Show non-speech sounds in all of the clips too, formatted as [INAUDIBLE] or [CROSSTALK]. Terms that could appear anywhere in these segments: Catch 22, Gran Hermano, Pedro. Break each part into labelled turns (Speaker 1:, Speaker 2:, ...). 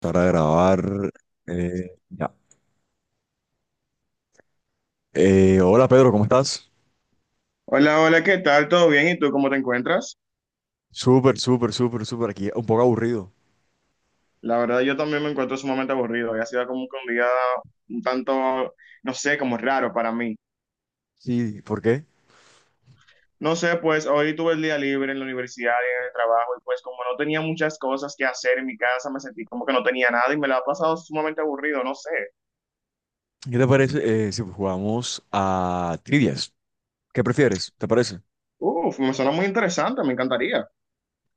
Speaker 1: Para grabar. Ya. Hola Pedro, ¿cómo estás?
Speaker 2: Hola, hola, ¿qué tal? ¿Todo bien? ¿Y tú cómo te encuentras?
Speaker 1: Súper, súper, súper, súper. Aquí un poco aburrido.
Speaker 2: La verdad, yo también me encuentro sumamente aburrido. Hoy ha sido como que un día un tanto, no sé, como raro para mí.
Speaker 1: Sí, ¿por qué?
Speaker 2: No sé, pues hoy tuve el día libre en la universidad y en el trabajo y pues como no tenía muchas cosas que hacer en mi casa, me sentí como que no tenía nada y me la ha pasado sumamente aburrido, no sé.
Speaker 1: ¿Qué te parece si jugamos a trivias? ¿Qué prefieres? ¿Te parece?
Speaker 2: Uf, me suena muy interesante, me encantaría.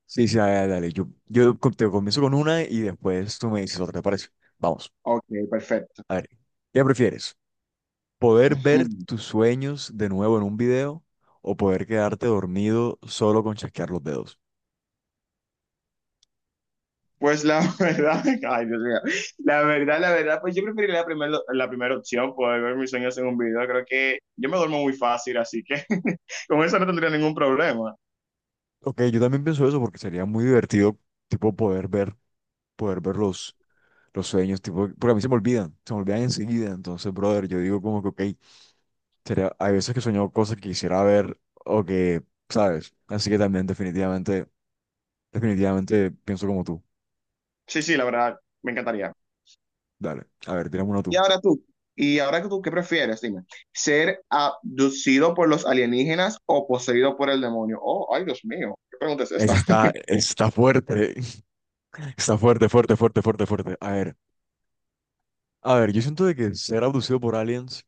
Speaker 1: Sí, sí, dale, dale. Te comienzo con una y después tú me dices otra, ¿te parece? Vamos,
Speaker 2: Ok, perfecto.
Speaker 1: a ver. ¿Qué prefieres? ¿Poder ver
Speaker 2: [LAUGHS]
Speaker 1: tus sueños de nuevo en un video o poder quedarte dormido solo con chasquear los dedos?
Speaker 2: Pues la [LAUGHS] verdad, ay Dios mío, la verdad, pues yo preferiría la primera opción, poder ver mis sueños en un video. Creo que yo me duermo muy fácil, así que [LAUGHS] con eso no tendría ningún problema.
Speaker 1: Ok, yo también pienso eso porque sería muy divertido, tipo, poder ver los sueños, tipo, porque a mí se me olvidan enseguida. Entonces, brother, yo digo como que, ok, sería, hay veces que he soñado cosas que quisiera ver o que, ¿sabes? Así que también definitivamente pienso como tú.
Speaker 2: Sí, sí, la verdad, me encantaría.
Speaker 1: Dale, a ver, tírame uno
Speaker 2: Y
Speaker 1: tú.
Speaker 2: ahora tú, y ahora que tú, ¿qué prefieres? Dime, ¿ser abducido por los alienígenas o poseído por el demonio? Oh, ay Dios mío, ¿qué pregunta es
Speaker 1: Ese
Speaker 2: esta?
Speaker 1: Está, está fuerte, [LAUGHS] está fuerte, fuerte, fuerte, fuerte, fuerte. A ver, yo siento de que ser abducido por aliens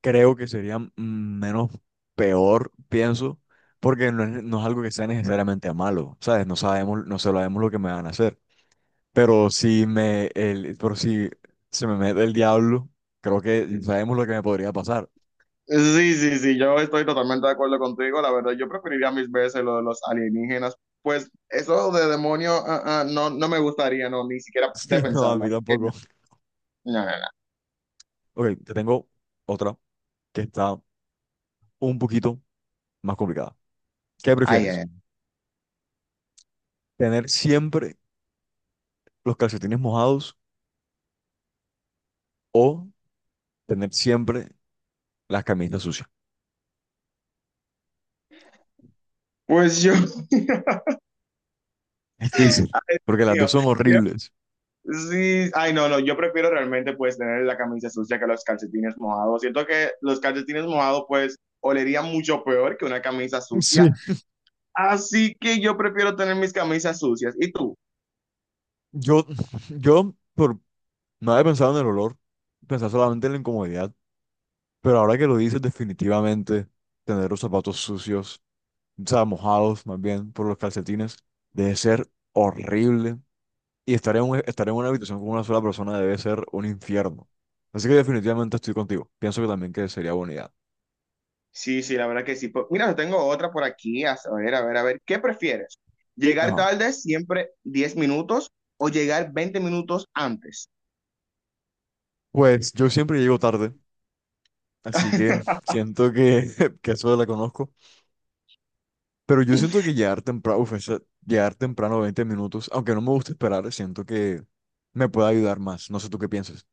Speaker 1: creo que sería menos peor, pienso, porque no es algo que sea necesariamente malo, ¿sabes? No sabemos lo que me van a hacer. Pero si se me mete el diablo, creo que sabemos lo que me podría pasar. [LAUGHS]
Speaker 2: Sí, sí, sí, yo estoy totalmente de acuerdo contigo. La verdad, yo preferiría mis veces lo de los alienígenas. Pues eso de demonio, ah, ah, no, no me gustaría, no, ni siquiera de
Speaker 1: Sí, no, a
Speaker 2: pensarlo.
Speaker 1: mí
Speaker 2: Así que
Speaker 1: tampoco.
Speaker 2: no, no, no, no.
Speaker 1: Ok, te tengo otra que está un poquito más complicada. ¿Qué
Speaker 2: Ay, ay,
Speaker 1: prefieres?
Speaker 2: ay.
Speaker 1: ¿Tener siempre los calcetines mojados o tener siempre las camisas sucias?
Speaker 2: Pues yo, [LAUGHS]
Speaker 1: Es difícil, porque las dos
Speaker 2: mío,
Speaker 1: son
Speaker 2: yo-
Speaker 1: horribles.
Speaker 2: sí, ay, no, no, yo prefiero realmente pues tener la camisa sucia que los calcetines mojados. Siento que los calcetines mojados pues olerían mucho peor que una camisa
Speaker 1: [LAUGHS]
Speaker 2: sucia.
Speaker 1: Sí.
Speaker 2: Así que yo prefiero tener mis camisas sucias. ¿Y tú?
Speaker 1: Yo, [LAUGHS] yo por, no había pensado en el olor, pensaba solamente en la incomodidad, pero ahora que lo dices, definitivamente tener los zapatos sucios, o sea, mojados más bien por los calcetines, debe ser horrible. Y estar en una habitación con una sola persona debe ser un infierno. Así que definitivamente estoy contigo. Pienso que también que sería buena idea.
Speaker 2: Sí, sí, la verdad que sí. Pues, mira, yo tengo otra por aquí. A ver, a ver, a ver. ¿Qué prefieres? ¿Llegar
Speaker 1: Ajá.
Speaker 2: tarde siempre 10 minutos o llegar 20 minutos antes?
Speaker 1: Pues yo siempre llego tarde, así que
Speaker 2: [LAUGHS]
Speaker 1: siento que [LAUGHS] que eso la conozco. Pero yo siento que llegar temprano, uf, llegar temprano 20 minutos, aunque no me gusta esperar, siento que me puede ayudar más. No sé tú qué piensas.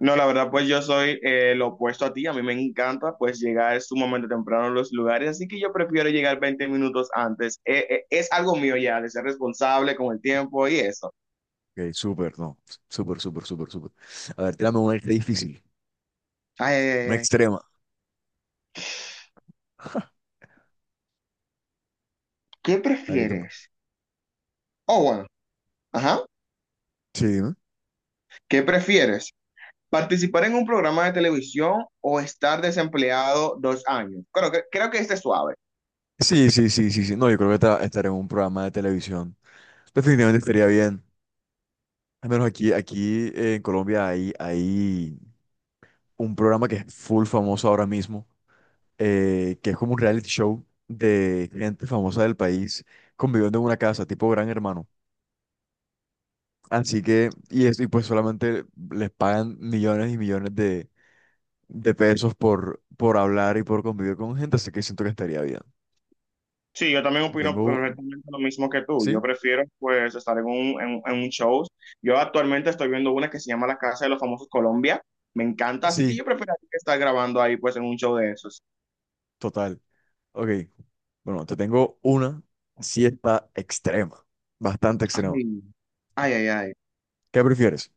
Speaker 2: No, la verdad, pues yo soy lo opuesto a ti. A mí me encanta pues llegar sumamente temprano a los lugares, así que yo prefiero llegar 20 minutos antes. Es algo mío ya, de ser responsable con el tiempo y eso.
Speaker 1: Ok, súper, no. Súper, súper, súper, súper. A ver, tírame una extra difícil,
Speaker 2: Ay, ay, ay,
Speaker 1: una
Speaker 2: ay.
Speaker 1: extrema. [LAUGHS]
Speaker 2: ¿Qué
Speaker 1: A ver,
Speaker 2: prefieres? Oh, bueno, ajá.
Speaker 1: sí, dime.
Speaker 2: ¿Qué prefieres? Participar en un programa de televisión o estar desempleado 2 años. Creo que este es suave.
Speaker 1: Sí, sí, sí, sí, sí. No, yo creo que estaré en un programa de televisión. Definitivamente estaría bien. Al menos aquí, en Colombia hay, hay un programa que es full famoso ahora mismo que es como un reality show de gente famosa del país conviviendo en una casa, tipo Gran Hermano. Así que, y, y pues solamente les pagan millones y millones de pesos por hablar y por convivir con gente, así que siento que estaría bien.
Speaker 2: Sí, yo también opino
Speaker 1: Tengo,
Speaker 2: correctamente lo mismo que tú. Yo
Speaker 1: ¿sí?
Speaker 2: prefiero pues estar en un show. Yo actualmente estoy viendo una que se llama La Casa de los Famosos Colombia. Me encanta, así que
Speaker 1: Sí,
Speaker 2: yo prefiero estar grabando ahí pues en un show de esos.
Speaker 1: total. Ok, bueno, te tengo una siesta extrema, bastante extrema.
Speaker 2: Ay, ay, ay, ay.
Speaker 1: ¿Qué prefieres?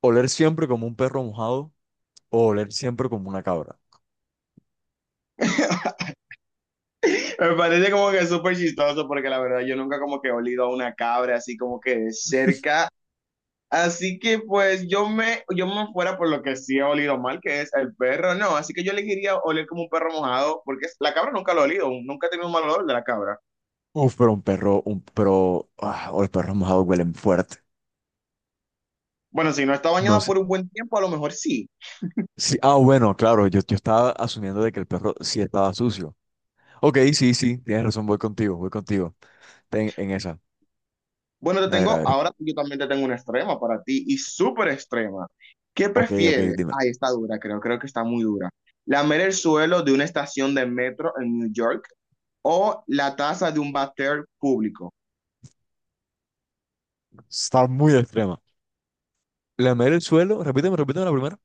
Speaker 1: ¿Oler siempre como un perro mojado o oler siempre como una cabra?
Speaker 2: [LAUGHS] Me parece como que súper chistoso porque la verdad yo nunca como que he olido a una cabra así como que de cerca. Así que pues yo me fuera por lo que sí ha olido mal, que es el perro, no. Así que yo elegiría oler como un perro mojado, porque la cabra nunca lo he olido, nunca he tenido un mal olor de la cabra.
Speaker 1: Uf, pero un perro, un pero, ah, o los perros mojados huelen fuerte.
Speaker 2: Bueno, si no está
Speaker 1: No
Speaker 2: bañada
Speaker 1: sé.
Speaker 2: por un buen tiempo, a lo mejor sí.
Speaker 1: Sí, ah, bueno, claro, yo estaba asumiendo de que el perro sí estaba sucio. Ok, sí, sí, tienes razón, voy contigo, voy contigo. Ten en esa.
Speaker 2: Bueno, te
Speaker 1: A ver, a
Speaker 2: tengo,
Speaker 1: ver.
Speaker 2: ahora sí, yo también te tengo una extrema para ti, y súper extrema. ¿Qué
Speaker 1: Ok, ok,
Speaker 2: prefieres?
Speaker 1: dime.
Speaker 2: Ay, está dura, creo que está muy dura. ¿Lamer el suelo de una estación de metro en New York o la taza de un váter público?
Speaker 1: Está muy extrema. Lamer el suelo, repíteme, repíteme la primera.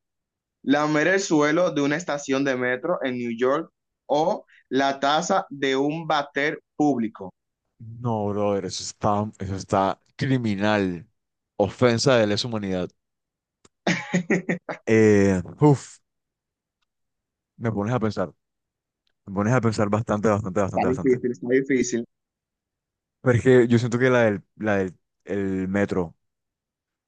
Speaker 2: Lamer el suelo de una estación de metro en New York o la taza de un váter público.
Speaker 1: No, brother, eso está criminal. Ofensa de lesa humanidad.
Speaker 2: [LAUGHS]
Speaker 1: Uf, me pones a pensar. Me pones a pensar bastante, bastante,
Speaker 2: Está
Speaker 1: bastante, bastante.
Speaker 2: difícil, está difícil.
Speaker 1: Pero es que yo siento que la del el metro,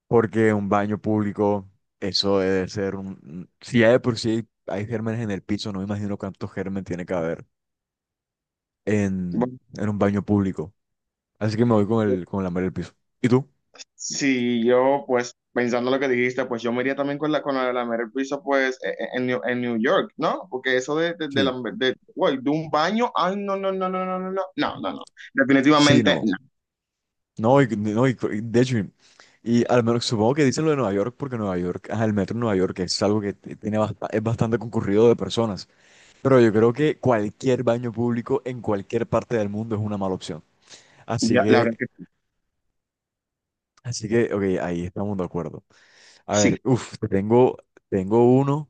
Speaker 1: porque un baño público, eso debe ser un... Si ya de por sí hay gérmenes en el piso, no me imagino cuántos gérmenes tiene que haber
Speaker 2: Bueno,
Speaker 1: en un baño público. Así que me voy con el, con la madre del piso. ¿Y tú?
Speaker 2: si yo, pues, pensando lo que dijiste, pues yo me iría también con la de lamer el piso, pues, e- e- en New York, ¿no? Porque eso de, de, de,
Speaker 1: Sí.
Speaker 2: lamer- de, uy, de un baño, ay, no, no, no, no, no, no, no, no, no, no.
Speaker 1: Sí,
Speaker 2: Definitivamente
Speaker 1: no.
Speaker 2: no.
Speaker 1: No, y de hecho, y al menos supongo que dicen lo de Nueva York, porque Nueva York, ajá, el metro en Nueva York es algo que tiene es bastante concurrido de personas. Pero yo creo que cualquier baño público en cualquier parte del mundo es una mala opción. Así
Speaker 2: Ya, la verdad
Speaker 1: que,
Speaker 2: que
Speaker 1: así que, ok, ahí estamos de acuerdo. A
Speaker 2: sí.
Speaker 1: ver, uff, tengo, tengo uno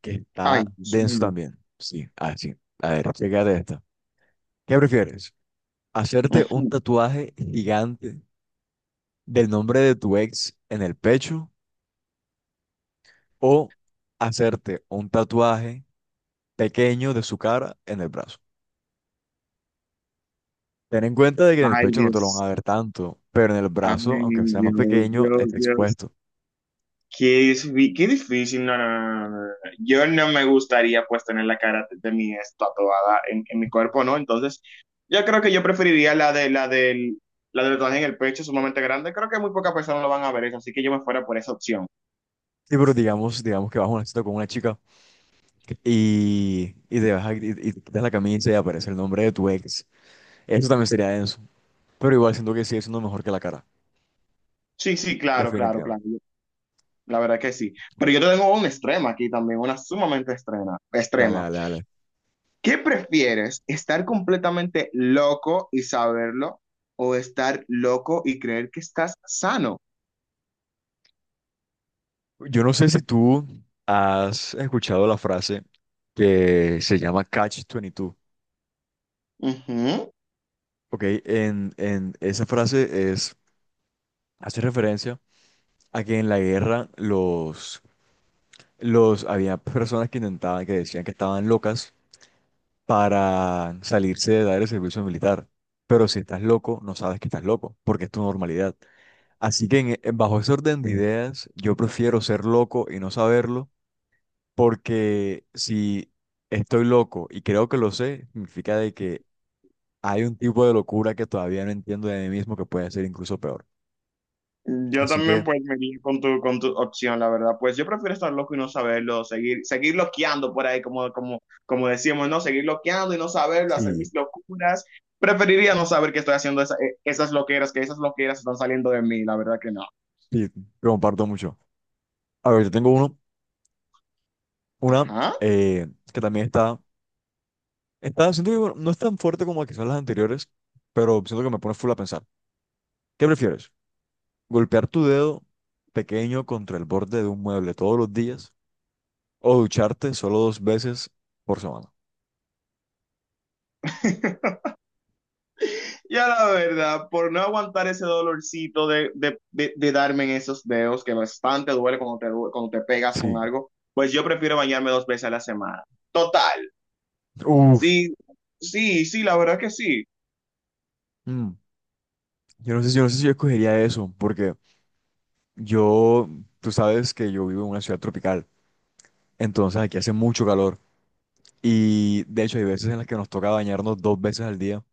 Speaker 1: que
Speaker 2: Ay,
Speaker 1: está
Speaker 2: Dios
Speaker 1: denso
Speaker 2: mío.
Speaker 1: también. Sí, así. A ver, chécate esta. ¿Qué prefieres? ¿Hacerte un
Speaker 2: [LAUGHS]
Speaker 1: tatuaje gigante del nombre de tu ex en el pecho o hacerte un tatuaje pequeño de su cara en el brazo? Ten en cuenta de que en el
Speaker 2: Ay,
Speaker 1: pecho no te lo
Speaker 2: Dios.
Speaker 1: van a ver tanto, pero en el brazo,
Speaker 2: Ay,
Speaker 1: aunque sea más
Speaker 2: Dios,
Speaker 1: pequeño,
Speaker 2: Dios,
Speaker 1: está
Speaker 2: Dios.
Speaker 1: expuesto.
Speaker 2: Qué difícil, no, no, no, no, no, no, no. Yo no me gustaría pues tener la cara de mi ex tatuada en mi cuerpo, ¿no? Entonces, yo creo que yo preferiría la del tatuaje en el pecho sumamente grande. Creo que muy pocas personas lo van a ver eso, así que yo me fuera por esa opción.
Speaker 1: Sí, pero digamos, digamos que vas a una cita con una chica. Ok. Y te quitas la camisa y aparece el nombre de tu ex. Eso también sería denso. Pero igual siento que sigue siendo mejor que la cara.
Speaker 2: Sí, sí, claro, claro,
Speaker 1: Definitivamente.
Speaker 2: claro. La verdad que sí. Pero yo tengo un extremo aquí también, una sumamente extrema,
Speaker 1: Dale,
Speaker 2: extrema.
Speaker 1: dale, dale.
Speaker 2: ¿Qué prefieres? ¿Estar completamente loco y saberlo o estar loco y creer que estás sano?
Speaker 1: Yo no sé si tú has escuchado la frase que se llama Catch 22.
Speaker 2: Ujú.
Speaker 1: Ok, en esa frase es, hace referencia a que en la guerra había personas que intentaban, que decían que estaban locas para salirse de dar el servicio militar. Pero si estás loco, no sabes que estás loco, porque es tu normalidad. Así que bajo ese orden de ideas, yo prefiero ser loco y no saberlo, porque si estoy loco y creo que lo sé, significa de que hay un tipo de locura que todavía no entiendo de mí mismo que puede ser incluso peor.
Speaker 2: Yo
Speaker 1: Así
Speaker 2: también
Speaker 1: que
Speaker 2: pues me iría con tu opción, la verdad. Pues yo prefiero estar loco y no saberlo, seguir loqueando por ahí, como decíamos, ¿no? Seguir loqueando y no saberlo, hacer
Speaker 1: sí,
Speaker 2: mis locuras. Preferiría no saber que estoy haciendo esas loqueras, que esas loqueras están saliendo de mí, la verdad que no.
Speaker 1: sí, lo comparto mucho. A ver, yo tengo uno, una
Speaker 2: Ajá.
Speaker 1: eh, que también está. Está, siento que bueno, no es tan fuerte como quizás las anteriores, pero siento que me pone full a pensar. ¿Qué prefieres? ¿Golpear tu dedo pequeño contra el borde de un mueble todos los días o ducharte solo 2 veces por semana?
Speaker 2: [LAUGHS] Ya la verdad, por no aguantar ese dolorcito de darme en esos dedos, que bastante duele cuando cuando te pegas con
Speaker 1: Sí.
Speaker 2: algo, pues yo prefiero bañarme 2 veces a la semana. Total,
Speaker 1: Uf.
Speaker 2: sí, sí, sí, la verdad que sí.
Speaker 1: Mm. Yo no sé si yo escogería eso, porque yo, tú sabes que yo vivo en una ciudad tropical, entonces aquí hace mucho calor y de hecho hay veces en las que nos toca bañarnos 2 veces al día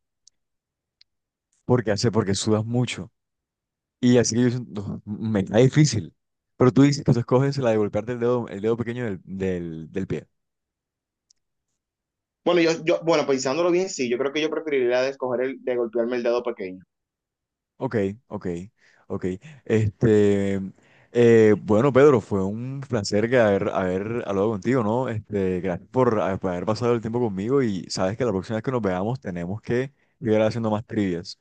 Speaker 1: porque hace, porque sudas mucho. Y así que no, me cae difícil. Pero tú dices que tú escoges la de golpearte el dedo pequeño del pie.
Speaker 2: Bueno, bueno, pensándolo bien, sí, yo creo que yo preferiría de escoger el de golpearme el dedo pequeño.
Speaker 1: Ok, ok, ok. Este, bueno, Pedro, fue un placer que haber hablado contigo, ¿no? Este, gracias por haber pasado el tiempo conmigo y sabes que la próxima vez que nos veamos tenemos que ir haciendo más trivias.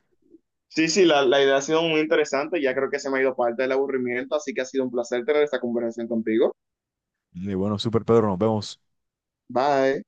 Speaker 2: Sí, sí, la idea ha sido muy interesante. Ya creo que se me ha ido parte del aburrimiento, así que ha sido un placer tener esta conversación contigo.
Speaker 1: Y bueno, super Pedro, nos vemos.
Speaker 2: Bye.